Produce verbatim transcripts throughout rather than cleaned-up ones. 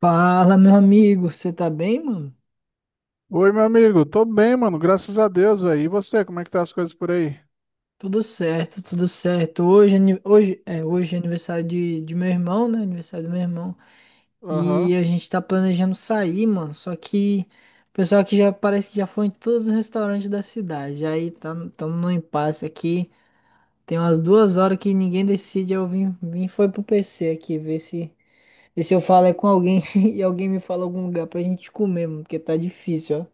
Fala, meu amigo, você tá bem, mano? Oi, meu amigo. Tô bem, mano. Graças a Deus, velho. E você, como é que tá as coisas por aí? Tudo certo, tudo certo. Hoje, é ani- hoje, é, hoje é aniversário de, de meu irmão, né? Aniversário do meu irmão. E Aham. a gente tá planejando sair, mano. Só que o pessoal aqui já parece que já foi em todos os restaurantes da cidade. Aí tá, estamos no impasse aqui. Tem umas duas horas que ninguém decide. Eu vim, vim foi pro P C aqui ver se, ver se eu falo é com alguém e alguém me fala algum lugar pra gente comer, mano, porque tá difícil, ó.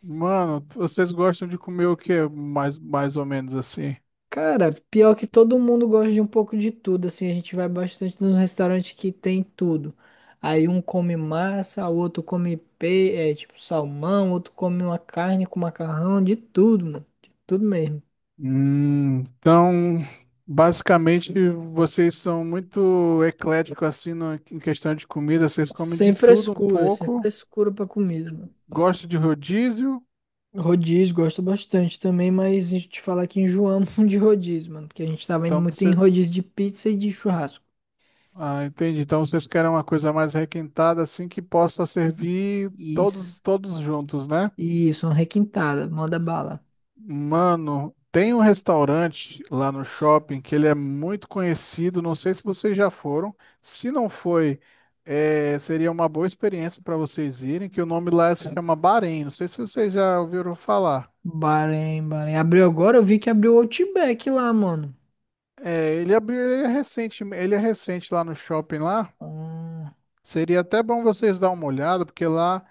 Mano, vocês gostam de comer o quê? Mais, mais ou menos assim. Cara, pior que todo mundo gosta de um pouco de tudo, assim, a gente vai bastante nos restaurantes que tem tudo. Aí um come massa, o outro come pe... é, tipo salmão, outro come uma carne com macarrão, de tudo, mano. De tudo mesmo. Hum, então, basicamente, vocês são muito ecléticos assim no- em questão de comida. Vocês comem de Sem tudo um frescura, sem pouco. frescura pra comida, mano. Gostam de rodízio. Rodízio, gosto bastante também, mas a gente te falar que enjoamos de rodízio, mano, porque a gente tava indo Então, muito em você... rodízio de pizza e de churrasco. Ah, entendi. Então, vocês querem uma coisa mais requintada assim que possa servir Isso, todos, todos juntos, né? isso, uma requintada, manda bala. Mano, tem um restaurante lá no shopping que ele é muito conhecido. Não sei se vocês já foram. Se não foi, eh, seria uma boa experiência para vocês irem, que o nome lá se chama Bahrein. Não sei se vocês já ouviram falar. Bahrein, Bahrein. Abriu agora? Eu vi que abriu o Outback lá, mano. É, ele abriu, ele é recente, ele é recente lá no shopping lá. Ah, Seria até bom vocês dar uma olhada, porque lá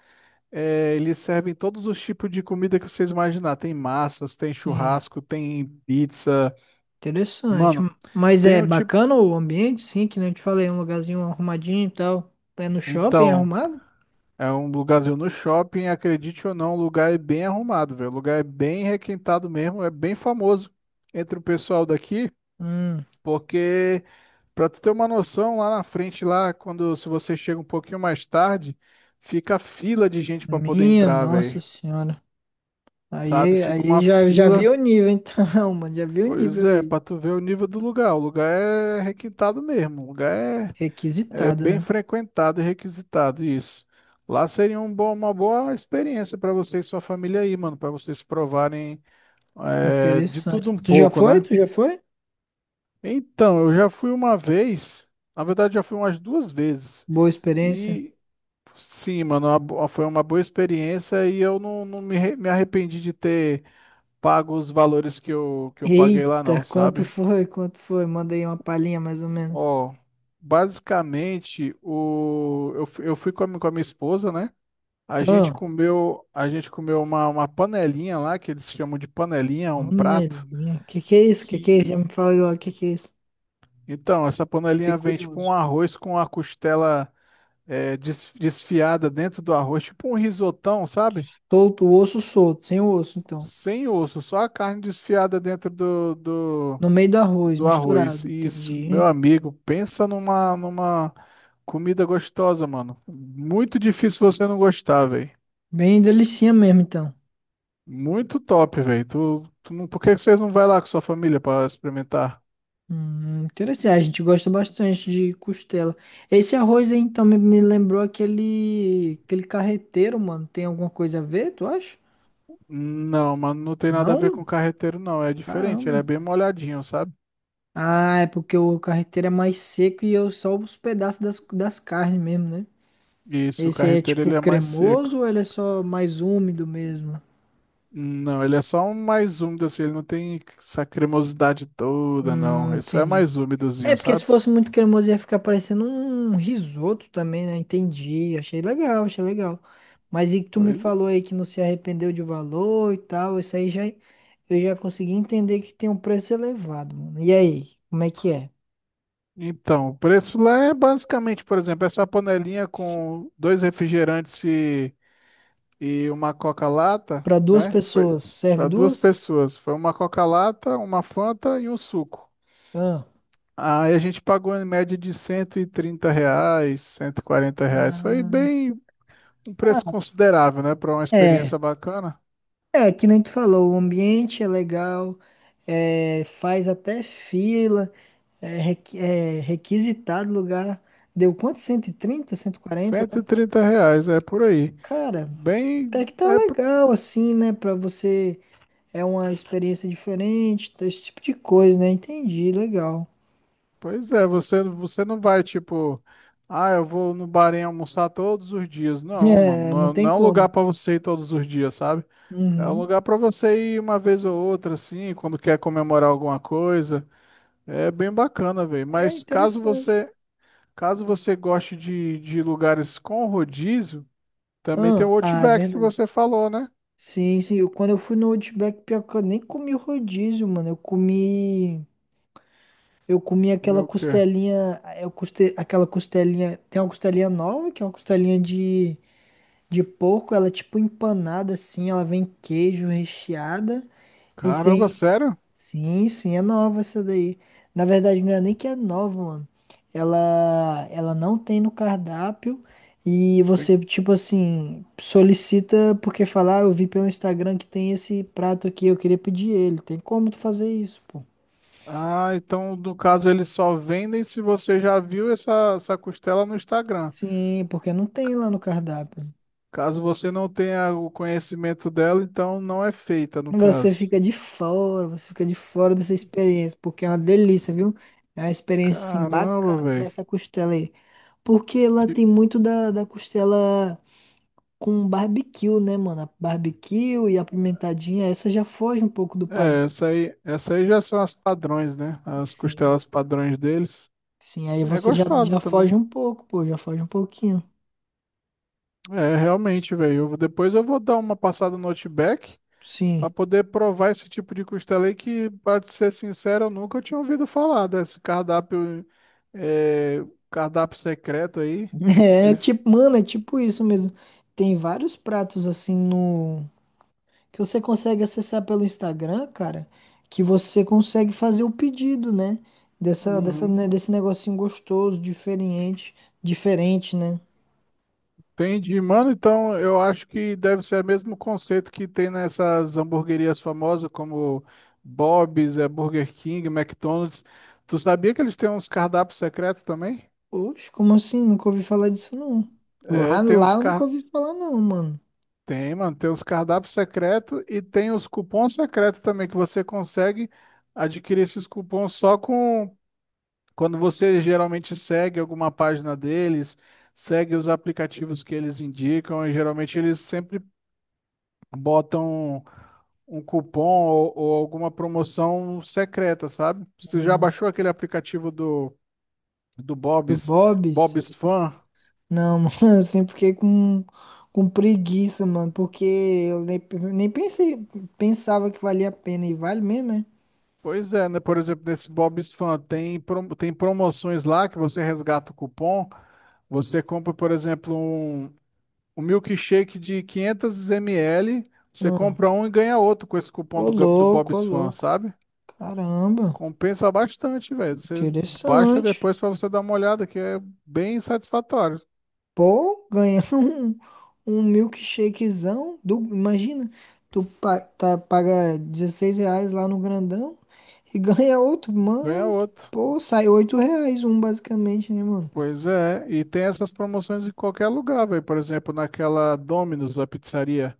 é, eles servem todos os tipos de comida que vocês imaginar. Tem massas, tem sim, churrasco, tem pizza. interessante. Mano, Mas tem é o tipo. bacana o ambiente, sim, que nem eu te falei, um lugarzinho arrumadinho e tal. É no shopping, é Então. arrumado? É um lugarzinho no shopping, acredite ou não, o lugar é bem arrumado, velho. O lugar é bem requintado mesmo, é bem famoso entre o pessoal daqui, Hum, porque pra tu ter uma noção, lá na frente lá, quando se você chega um pouquinho mais tarde, fica fila de gente pra poder minha entrar, nossa velho. senhora. Sabe? Aí, Fica aí uma já, já vi fila. o nível, então, mano. Já vi o Pois nível é, aí. pra tu ver o nível do lugar. O lugar é requintado mesmo. O lugar é é Requisitado, bem né? frequentado e requisitado isso. Lá seria um bom- uma boa experiência para você e sua família aí, mano, para vocês provarem é, de tudo Interessante. um Tu já pouco, foi? né? Tu já foi? Então, eu já fui uma vez, na verdade, já fui umas duas vezes. Boa experiência. E sim, mano, uma bo- foi uma boa experiência e eu não, não me, arre- me arrependi de ter pago os valores que eu, que eu paguei lá, não, Eita, quanto sabe? foi? Quanto foi? Mandei uma palhinha mais ou menos. Ó, basicamente, o, eu, fui- eu fui com a, mi- com a minha esposa, né? A gente Ah. comeu, a gente comeu uma, uma panelinha lá, que eles chamam de panelinha, um prato, Panelinha. Que que é isso? Que que é isso? Já que... me fala agora, que que é isso? Então, essa Fiquei panelinha vem tipo um curioso. arroz com a costela é, des- desfiada dentro do arroz, tipo um risotão, sabe? Solto, o osso solto, sem o osso, então. Sem osso, só a carne desfiada dentro do, do, No meio do arroz, do arroz. misturado. Isso, meu Entendi. amigo, pensa numa, numa comida gostosa, mano. Muito difícil você não gostar, velho. Bem delicinha mesmo, então. Muito top, velho. Tu, tu não- por que que vocês não vai lá com sua família pra experimentar? Hum, interessante. Ah, a gente gosta bastante de costela. Esse arroz aí, então, me, me lembrou aquele, aquele carreteiro, mano. Tem alguma coisa a ver, tu acha? Não, mano, não tem nada a ver Não? com carreteiro, não. É diferente, ele é Caramba. bem molhadinho, sabe? Ah, é porque o carreteiro é mais seco e eu só os pedaços das, das carnes mesmo, né? Isso, o Esse aí é carreteiro tipo ele é mais seco. cremoso ou ele é só mais úmido mesmo? Não, ele é só um mais úmido, assim, ele não tem essa cremosidade toda, Hum, não. Isso é entendi. mais É, úmidozinho, porque se sabe? fosse muito cremoso ia ficar parecendo um risoto também, né? Entendi. Achei legal, achei legal. Mas e que tu me Pois- falou aí que não se arrependeu de valor e tal, isso aí já eu já consegui entender que tem um preço elevado, mano. E aí, como é que é? Então, o preço lá é basicamente, por exemplo, essa panelinha com dois refrigerantes e e uma Coca-Lata, Pra duas né? Foi pessoas, serve para duas duas? pessoas. Foi uma Coca-Lata, uma Fanta e um suco. Ah. Aí a gente pagou em média de cento e trinta reais, cento e quarenta reais. Foi bem um preço Ah, considerável, né? Para uma é. experiência bacana. É, que nem tu falou, o ambiente é legal, é, faz até fila, é, requi- é requisitado lugar. Deu quanto? cento e trinta, cento e quarenta, cento e né? trinta reais, é por aí. Cara, até Bem, que tá é, p- legal, assim, né? Pra você, é uma experiência diferente, tá, esse tipo de coisa, né? Entendi, legal. pois é, você, você não vai tipo, ah, eu vou no bar em almoçar todos os dias. Não, mano, É, não não, é- não tem é um lugar como. para você ir todos os dias, sabe? É um Uhum. lugar para você ir uma vez ou outra, assim, quando quer comemorar alguma coisa. É bem bacana, velho. É Mas caso interessante. você, caso você goste de, de lugares com rodízio, também tem Ah, o ah, é Outback que verdade. você falou, né? Sim, sim. eu- Quando eu fui no Outback, pior que eu nem comi o rodízio, mano. Eu comi. Eu comi aquela Comeu o quê? costelinha, eu custe, aquela costelinha, tem uma costelinha nova, que é uma costelinha de, de porco, ela é tipo empanada assim, ela vem queijo recheada e Caramba, tem, sério? sim, sim, é nova essa daí. Na verdade, não é nem que é nova, mano. Ela, ela não tem no cardápio e Tem- você, tipo assim, solicita porque falar, ah, eu vi pelo Instagram que tem esse prato aqui, eu queria pedir ele. Tem como tu fazer isso, pô? Ah, então no caso eles só vendem se você já viu essa, essa costela no Instagram. Sim, porque não tem lá no cardápio. Caso você não tenha o conhecimento dela, então não é feita, no Você caso. fica de fora, você fica de fora dessa experiência, porque é uma delícia, viu? É uma experiência assim Caramba, bacana comer velho. essa costela aí. Porque lá tem muito da, da costela com barbecue, né, mano? A barbecue e a pimentadinha, essa já foge um pouco do padrão. É, essa aí, essa aí já são as padrões, né? As Sim, costelas padrões deles. sim, aí É você já, gostosa já foge também. um pouco, pô, já foge um pouquinho. É, realmente, velho. Eu vou- Depois eu vou dar uma passada no Outback Sim. pra poder provar esse tipo de costela aí que, pra te ser sincero, eu nunca tinha ouvido falar desse cardápio, é, cardápio secreto aí. É Ele, tipo, mano, é tipo isso mesmo. Tem vários pratos assim no. Que você consegue acessar pelo Instagram, cara, que você consegue fazer o pedido, né? Dessa, dessa, né, uhum. desse negocinho gostoso, diferente, diferente, né? Entendi, mano. Então, eu acho que deve ser o mesmo conceito que tem nessas hamburguerias famosas como Bob's, é, Burger King, McDonald's. Tu sabia que eles têm uns cardápios secretos também? Oxe, como assim? Nunca ouvi falar disso, não. É, Lá, tem Lá uns eu nunca car... ouvi falar, não, mano. Tem, mano, tem uns cardápios secretos e tem os cupons secretos também que você consegue adquirir esses cupons só com quando você geralmente segue alguma página deles, segue os aplicativos que eles indicam e geralmente eles sempre botam um cupom ou, ou alguma promoção secreta, sabe? Você já Hum, baixou aquele aplicativo do, do Do Bob's, Bob's? Bob's Fan? Não, mano, eu sempre fiquei com, com preguiça, mano, porque eu nem, nem pensei, pensava que valia a pena, e vale mesmo, é? Pois é, né? Por exemplo, nesse Bob's Fan tem, pro- tem promoções lá que você resgata o cupom. Você compra, por exemplo, um, um milkshake de quinhentos mililitros. Você Não. compra um e ganha outro com esse cupom Ô, do, Ga- do louco, ô, Bob's Fan, louco. sabe? Caramba, Compensa bastante, velho. Você baixa interessante. depois pra você dar uma olhada, que é bem satisfatório. Pô, ganhar um, um milkshakezão. Do, imagina, tu pa- tá, paga dezesseis reais lá no grandão e ganha outro, Ganha mano. outro. Pô, sai oito reais um basicamente, né, mano? Pois é, e tem essas promoções em qualquer lugar, velho. Por exemplo, naquela Domino's, a pizzaria.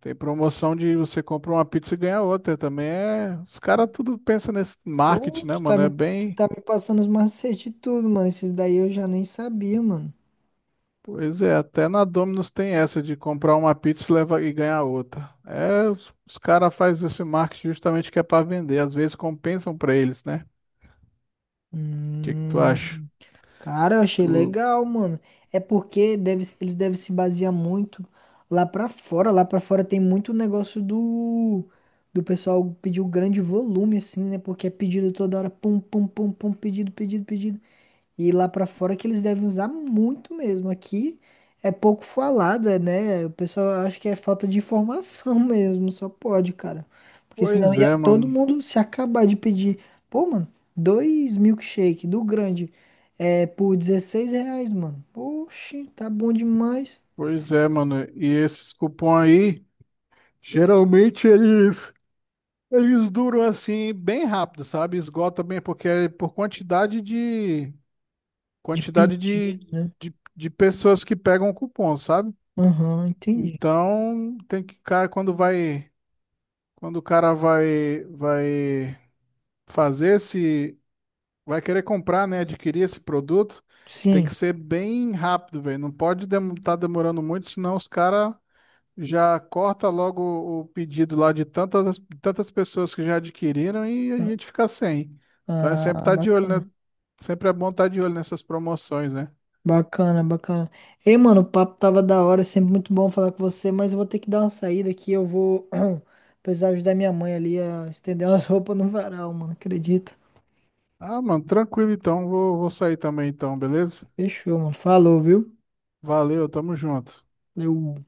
Tem promoção de você compra uma pizza e ganha outra. Também é. Os caras tudo pensam nesse marketing, Pô, né, tu tá mano? É me, tu bem. tá me passando os macetes de tudo, mano. Esses daí eu já nem sabia, mano. Pois é, até na Domino's tem essa de comprar uma pizza e leva e ganhar outra. É, os, os caras fazem esse marketing justamente que é pra vender. Às vezes compensam pra eles, né? O que que tu acha? Hum. Cara, eu achei Tu... legal, mano. É porque deve, eles devem se basear muito lá pra fora. Lá pra fora tem muito negócio do do pessoal pedir o grande volume, assim, né? Porque é pedido toda hora, pum, pum, pum, pum, pedido, pedido, pedido. E lá pra fora que eles devem usar muito mesmo. Aqui é pouco falada, né? O pessoal acha que é falta de informação mesmo, só pode, cara. Porque senão Pois ia é, todo mano. mundo se acabar de pedir. Pô, mano, dois milkshake do grande é por dezesseis reais, mano. Oxi, tá bom demais. Pois é, mano. E esses cupom aí. Geralmente eles, eles duram assim bem rápido, sabe? Esgota bem, porque é por quantidade de De quantidade de, pedido, né? de, de pessoas que pegam o cupom, sabe? Aham, entendi. Então tem que, cara, quando vai, quando o cara vai, vai fazer esse, vai querer comprar, né? Adquirir esse produto, tem Sim. que ser bem rápido, velho. Não pode estar demorando muito, senão os caras já corta logo o pedido lá de tantas, tantas pessoas que já adquiriram e a gente fica sem. Então é Ah, sempre ah, estar de olho, bacana. né? Sempre é bom estar de olho nessas promoções, né? Bacana, bacana. Ei, mano, o papo tava da hora, é sempre muito bom falar com você, mas eu vou ter que dar uma saída aqui, eu vou precisar ajudar minha mãe ali a estender umas roupas no varal, mano, acredita? Ah, mano, tranquilo então. Vou, vou sair também então, beleza? Fechou, mano. Falou, viu? Valeu, tamo junto. Valeu.